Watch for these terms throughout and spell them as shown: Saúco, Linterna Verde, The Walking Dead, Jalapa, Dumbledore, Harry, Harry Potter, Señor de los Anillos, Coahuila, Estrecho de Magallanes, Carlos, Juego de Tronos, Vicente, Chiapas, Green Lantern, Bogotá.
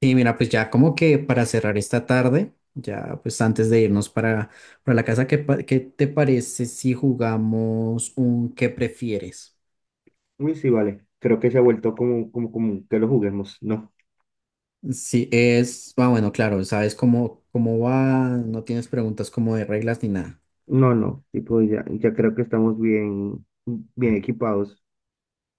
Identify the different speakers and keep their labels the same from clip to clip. Speaker 1: Y mira, pues ya como que para cerrar esta tarde, ya pues antes de irnos para la casa. ¿Qué te parece si jugamos un qué prefieres?
Speaker 2: Uy, sí, vale. Creo que se ha vuelto como, como común que lo juguemos. No,
Speaker 1: Sí, bueno, claro, sabes cómo va. No tienes preguntas como de reglas ni nada.
Speaker 2: no, no. Tipo, ya creo que estamos bien equipados.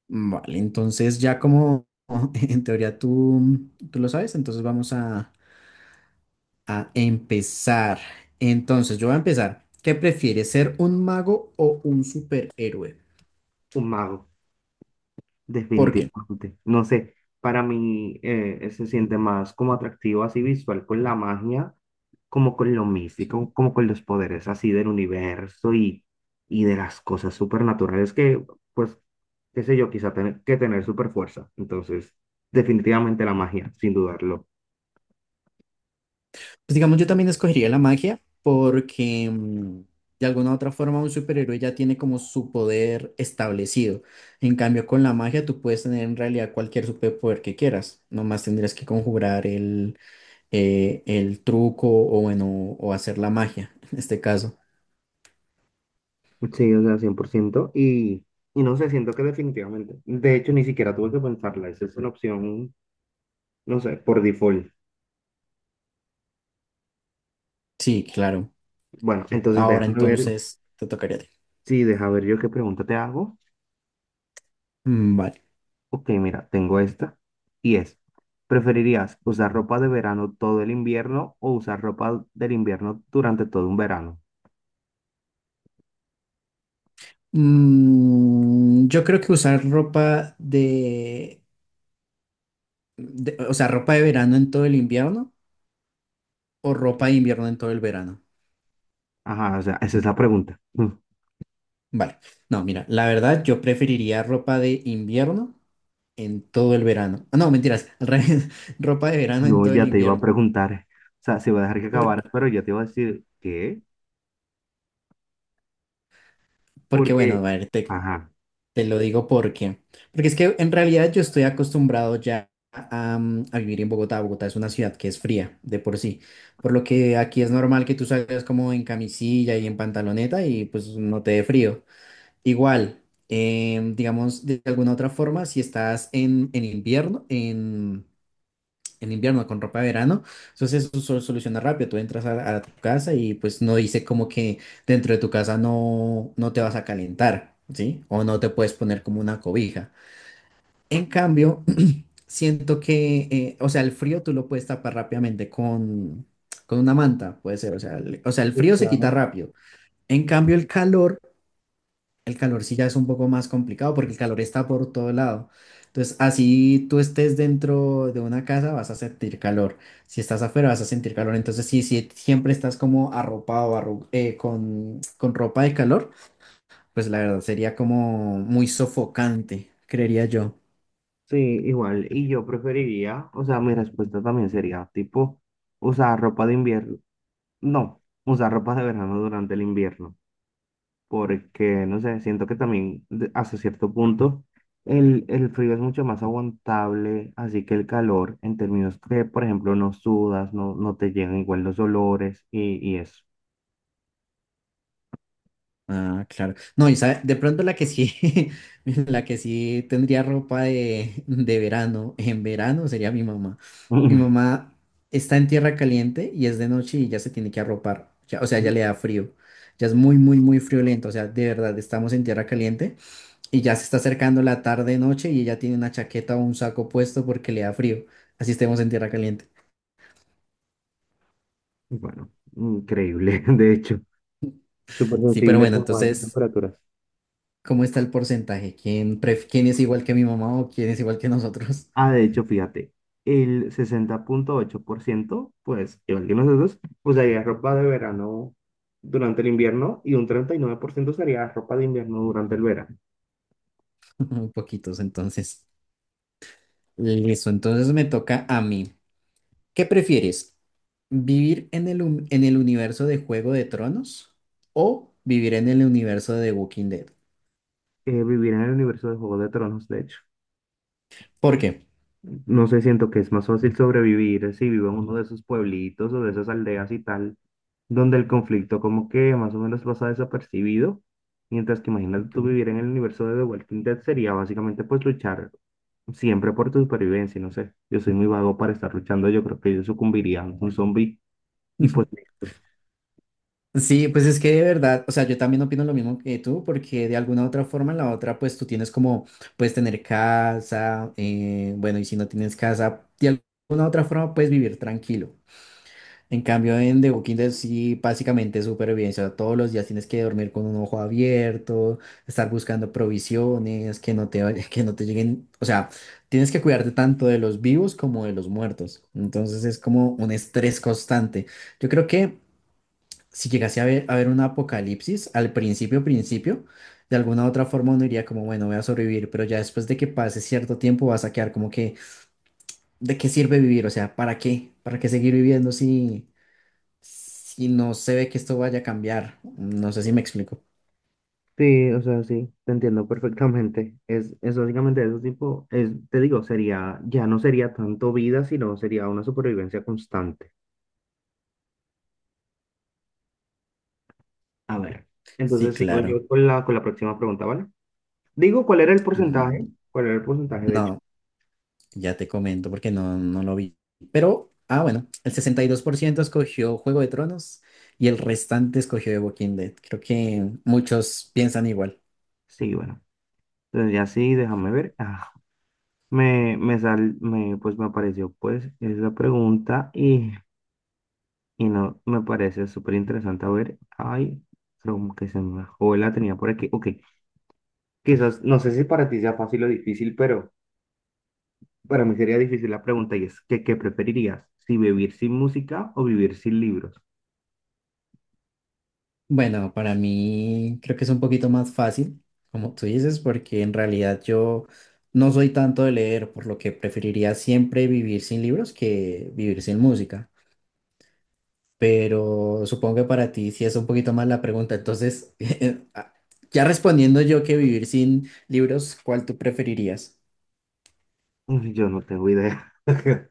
Speaker 1: Vale, entonces ya como en teoría tú lo sabes, entonces vamos a empezar. Entonces yo voy a empezar. ¿Qué prefieres, ser un mago o un superhéroe?
Speaker 2: Un mago,
Speaker 1: ¿Por qué?
Speaker 2: definitivamente. No sé, para mí se siente más como atractivo, así visual, con la magia, como con lo
Speaker 1: Sí.
Speaker 2: místico, como con los poderes así del universo y de las cosas supernaturales que, pues, qué sé yo, quizá tener que tener super fuerza. Entonces, definitivamente la magia, sin dudarlo.
Speaker 1: Pues digamos, yo también escogería la magia porque de alguna u otra forma un superhéroe ya tiene como su poder establecido. En cambio, con la magia tú puedes tener en realidad cualquier superpoder que quieras. Nomás tendrías que conjurar el truco o bueno, o hacer la magia en este caso.
Speaker 2: Sí, o sea, 100%. Y no sé, siento que definitivamente. De hecho, ni siquiera tuve que pensarla. Esa es una opción, no sé, por default.
Speaker 1: Sí, claro.
Speaker 2: Bueno, sí, entonces
Speaker 1: Ahora
Speaker 2: déjame ver.
Speaker 1: entonces te tocaría a ti.
Speaker 2: Sí, deja ver yo qué pregunta te hago.
Speaker 1: Mm, vale.
Speaker 2: Ok, mira, tengo esta. Y es, ¿preferirías usar ropa de verano todo el invierno o usar ropa del invierno durante todo un verano?
Speaker 1: Yo creo que usar ropa o sea, ropa de verano en todo el invierno o ropa de invierno en todo el verano.
Speaker 2: Ajá, o sea, esa es la pregunta.
Speaker 1: Vale. No, mira, la verdad yo preferiría ropa de invierno en todo el verano. Ah, no, mentiras, al revés, ropa de verano en
Speaker 2: No,
Speaker 1: todo el
Speaker 2: ya te iba a
Speaker 1: invierno.
Speaker 2: preguntar. O sea, se va a dejar que
Speaker 1: Por-
Speaker 2: acabaras, pero ya te iba a decir, ¿qué?
Speaker 1: porque bueno, a
Speaker 2: Porque,
Speaker 1: ver, te,
Speaker 2: ajá.
Speaker 1: te lo digo porque es que en realidad yo estoy acostumbrado ya a vivir en Bogotá. Bogotá es una ciudad que es fría de por sí. Por lo que aquí es normal que tú salgas como en camisilla y en pantaloneta y pues no te dé frío. Igual, digamos, de alguna otra forma, si estás en invierno, en invierno con ropa de verano, entonces eso se soluciona rápido. Tú entras a tu casa y pues no dice como que dentro de tu casa no te vas a calentar, ¿sí? O no te puedes poner como una cobija. En cambio, siento que, o sea, el frío tú lo puedes tapar rápidamente con, una manta, puede ser. O sea, o sea, el
Speaker 2: Sí,
Speaker 1: frío se quita
Speaker 2: claro.
Speaker 1: rápido. En cambio, el calor. El calor sí ya es un poco más complicado porque el calor está por todo lado. Entonces, así tú estés dentro de una casa, vas a sentir calor. Si estás afuera, vas a sentir calor. Entonces, si siempre estás como arropado, con ropa de calor, pues la verdad sería como muy sofocante, creería yo.
Speaker 2: Sí, igual. Y yo preferiría, o sea, mi respuesta también sería, tipo, usar ropa de invierno. No, usar ropa de verano durante el invierno. Porque, no sé, siento que también de- hasta cierto punto el frío es mucho más aguantable, así que el calor, en términos que, por ejemplo, no sudas, no, no te llegan igual los olores y eso.
Speaker 1: Ah, claro. No, y sabe, de pronto la que sí, la que sí tendría ropa de verano, en verano sería mi mamá. Mi mamá está en tierra caliente y es de noche y ya se tiene que arropar. O sea, ya le da frío. Ya es muy, muy, muy friolento. O sea, de verdad, estamos en tierra caliente y ya se está acercando la tarde, noche y ella tiene una chaqueta o un saco puesto porque le da frío. Así estemos en tierra caliente.
Speaker 2: Y bueno, increíble, de hecho, súper
Speaker 1: Sí, pero
Speaker 2: sensible
Speaker 1: bueno,
Speaker 2: como a estas
Speaker 1: entonces,
Speaker 2: temperaturas.
Speaker 1: ¿cómo está el porcentaje? ¿Quién es igual que mi mamá o quién es igual que nosotros?
Speaker 2: Ah, de hecho, fíjate, el 60,8%, pues, igual que nosotros, usaría ropa de verano durante el invierno y un 39% usaría ropa de invierno durante el verano.
Speaker 1: Muy poquitos, entonces. Listo, entonces me toca a mí. ¿Qué prefieres? ¿Vivir en el universo de Juego de Tronos o vivir en el universo de The Walking Dead?
Speaker 2: Vivir en el universo de Juego de Tronos, de hecho.
Speaker 1: ¿Por qué?
Speaker 2: No sé, siento que es más fácil sobrevivir si vivo en uno de esos pueblitos o de esas aldeas y tal, donde el conflicto como que más o menos pasa desapercibido, mientras que imagínate tú
Speaker 1: Ujú.
Speaker 2: vivir en el universo de The Walking Dead sería básicamente pues luchar siempre por tu supervivencia, no sé. Yo soy muy vago para estar luchando. Yo creo que yo sucumbiría a un zombie y pues listo.
Speaker 1: Sí, pues es que de verdad, o sea, yo también opino lo mismo que tú, porque de alguna u otra forma, en la otra, pues tú tienes como, puedes tener casa, bueno, y si no tienes casa, de alguna u otra forma puedes vivir tranquilo. En cambio, en The Walking Dead sí, básicamente es supervivencia. Todos los días tienes que dormir con un ojo abierto, estar buscando provisiones, que no te, vaya- que no te lleguen. O sea, tienes que cuidarte tanto de los vivos como de los muertos. Entonces es como un estrés constante. Yo creo que si llegase a ver a haber un apocalipsis, al principio, principio, de alguna u otra forma uno diría como, bueno, voy a sobrevivir, pero ya después de que pase cierto tiempo vas a quedar como que, ¿de qué sirve vivir? O sea, ¿para qué? ¿Para qué seguir viviendo si no se ve que esto vaya a cambiar, no sé si me explico.
Speaker 2: Sí, o sea, sí, te entiendo perfectamente. Es básicamente eso tipo, es, te digo, sería, ya no sería tanto vida, sino sería una supervivencia constante. A ver,
Speaker 1: Sí,
Speaker 2: entonces sigo
Speaker 1: claro.
Speaker 2: yo con la próxima pregunta, ¿vale? Digo, ¿cuál era el porcentaje?
Speaker 1: Mm,
Speaker 2: ¿Cuál era el porcentaje, de hecho?
Speaker 1: No, ya te comento porque no lo vi. Pero, ah, bueno, el 62% escogió Juego de Tronos y el restante escogió The Walking Dead. Creo que muchos piensan igual.
Speaker 2: Sí, bueno. Entonces ya sí, déjame ver. Ah, me sal, me, pues me apareció pues esa pregunta. Y no, me parece súper interesante. A ver, ay, creo que se me bajó, la tenía por aquí. Ok, quizás, no sé si para ti sea fácil o difícil, pero para mí sería difícil la pregunta y es, ¿qué, qué preferirías? ¿Si ¿vivir sin música o vivir sin libros?
Speaker 1: Bueno, para mí creo que es un poquito más fácil, como tú dices, porque en realidad yo no soy tanto de leer, por lo que preferiría siempre vivir sin libros que vivir sin música. Pero supongo que para ti sí es un poquito más la pregunta. Entonces, ah, ya respondiendo yo que vivir sin libros, ¿cuál tú preferirías?
Speaker 2: Uy, yo no tengo idea.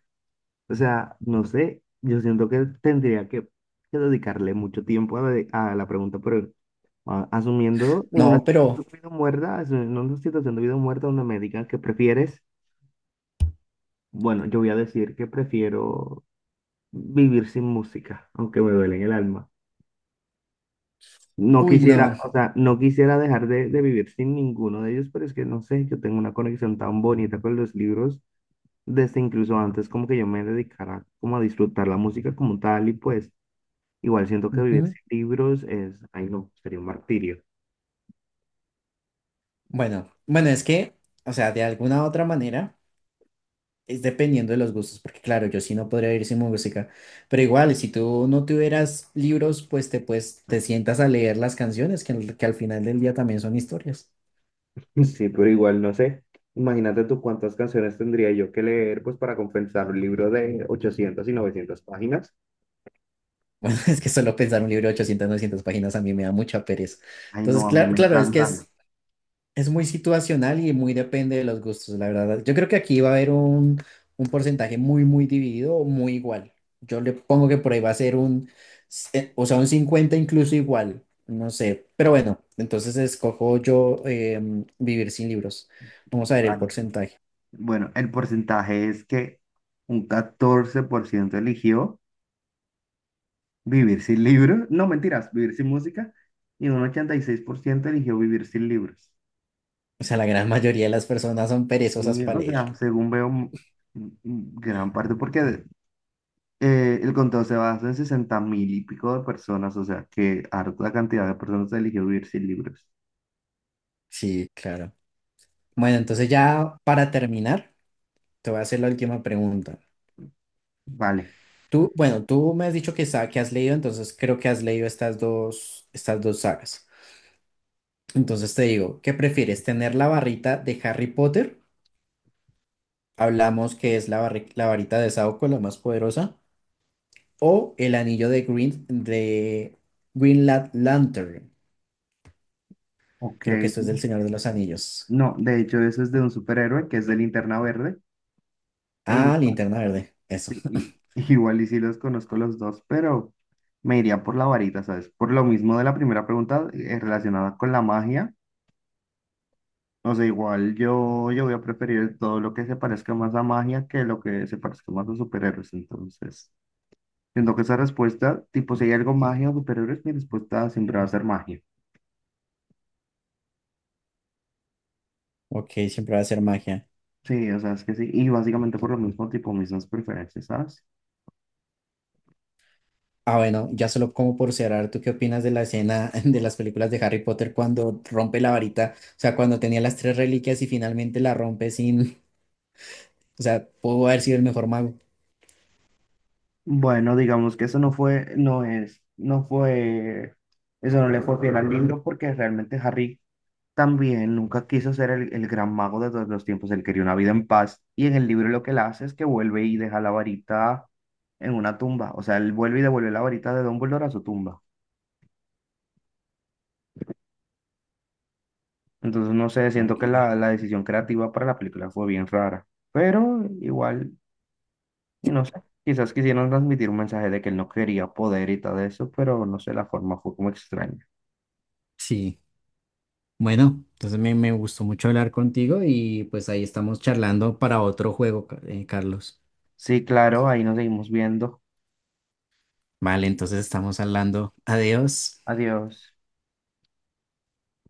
Speaker 2: O sea, no sé, yo siento que tendría que dedicarle mucho tiempo a, de- a la pregunta, pero a- asumiendo en una
Speaker 1: No, pero,
Speaker 2: situación de vida o muerta, asumiendo en una situación de vida o muerta donde me digan que prefieres, bueno, yo voy a decir que prefiero vivir sin música, aunque me duele en el alma. No
Speaker 1: uy, no.
Speaker 2: quisiera, o sea, no quisiera dejar de vivir sin ninguno de ellos, pero es que no sé, yo tengo una conexión tan bonita con los libros, desde incluso antes como que yo me dedicara como a disfrutar la música como tal y pues igual siento que vivir
Speaker 1: Ujú.
Speaker 2: sin libros es, ay no, sería un martirio.
Speaker 1: Bueno, bueno, es que, o sea, de alguna u otra manera, es dependiendo de los gustos, porque claro, yo sí no podría vivir sin música, pero igual, si tú no tuvieras libros, pues te sientas a leer las canciones, que al final del día también son historias.
Speaker 2: Sí, pero igual no sé. Imagínate tú cuántas canciones tendría yo que leer pues para compensar un libro de 800 y 900 páginas.
Speaker 1: Bueno, es que solo pensar un libro de 800, 900 páginas a mí me da mucha pereza.
Speaker 2: Ay,
Speaker 1: Entonces,
Speaker 2: no, a mí
Speaker 1: claro,
Speaker 2: me
Speaker 1: claro, es que
Speaker 2: encantan.
Speaker 1: es muy situacional y muy depende de los gustos, la verdad. Yo creo que aquí va a haber un porcentaje muy, muy dividido o muy igual. Yo le pongo que por ahí va a ser un, se- o sea, un 50 incluso igual, no sé. Pero bueno, entonces escojo yo vivir sin libros. Vamos a ver el porcentaje.
Speaker 2: Bueno, el porcentaje es que un 14% eligió vivir sin libros, no mentiras, vivir sin música, y un 86% eligió vivir sin libros.
Speaker 1: O sea, la gran mayoría de las personas son perezosas
Speaker 2: Sí,
Speaker 1: para
Speaker 2: o
Speaker 1: leer.
Speaker 2: sea, según veo, m- m- gran parte, porque de- el conteo se basa en 60.000 y pico de personas, o sea, que harta cantidad de personas eligió vivir sin libros.
Speaker 1: Sí, claro. Bueno, entonces ya para terminar. Te voy a hacer la última pregunta.
Speaker 2: Vale,
Speaker 1: Tú, bueno, tú me has dicho que has leído, entonces creo que has leído estas dos sagas. Entonces te digo, ¿qué prefieres? ¿Tener la barrita de Harry Potter? Hablamos que es la varita de Saúco, la más poderosa. ¿O el anillo de Green Lantern?
Speaker 2: ok.
Speaker 1: Creo que esto es del Señor de los Anillos.
Speaker 2: No, de hecho, eso es de un superhéroe que es de Linterna Verde. E
Speaker 1: Ah,
Speaker 2: igual.
Speaker 1: Linterna Verde. Eso.
Speaker 2: Sí, y- igual y sí los conozco los dos, pero me iría por la varita, ¿sabes? Por lo mismo de la primera pregunta, relacionada con la magia. O sea, igual yo voy a preferir todo lo que se parezca más a magia que lo que se parezca más a superhéroes. Entonces, siento que esa respuesta, tipo, si hay algo magia o superhéroes, mi respuesta siempre va a ser magia.
Speaker 1: Ok, siempre va a ser magia.
Speaker 2: Sí, o sea, es que sí. Y básicamente por lo mismo, tipo, mismas preferencias, ¿sabes?
Speaker 1: Ah, bueno, ya solo como por cerrar, ¿tú qué opinas de la escena de las películas de Harry Potter cuando rompe la varita? O sea, cuando tenía las tres reliquias y finalmente la rompe sin, o sea, pudo haber sido el mejor mago.
Speaker 2: Bueno, digamos que eso no fue, no es, no fue, eso no le fue fiel al libro porque realmente Harry también nunca quiso ser el gran mago de todos los tiempos, él quería una vida en paz y en el libro lo que él hace es que vuelve y deja la varita en una tumba, o sea, él vuelve y devuelve la varita de Dumbledore a su tumba. Entonces, no sé, siento que
Speaker 1: Okay.
Speaker 2: la decisión creativa para la película fue bien rara, pero igual, y no sé, quizás quisieron transmitir un mensaje de que él no quería poder y todo eso, pero no sé, la forma fue como extraña.
Speaker 1: Sí, bueno, entonces me gustó mucho hablar contigo y pues ahí estamos charlando para otro juego, Carlos.
Speaker 2: Sí, claro, ahí nos seguimos viendo.
Speaker 1: Vale, entonces estamos hablando. Adiós.
Speaker 2: Adiós.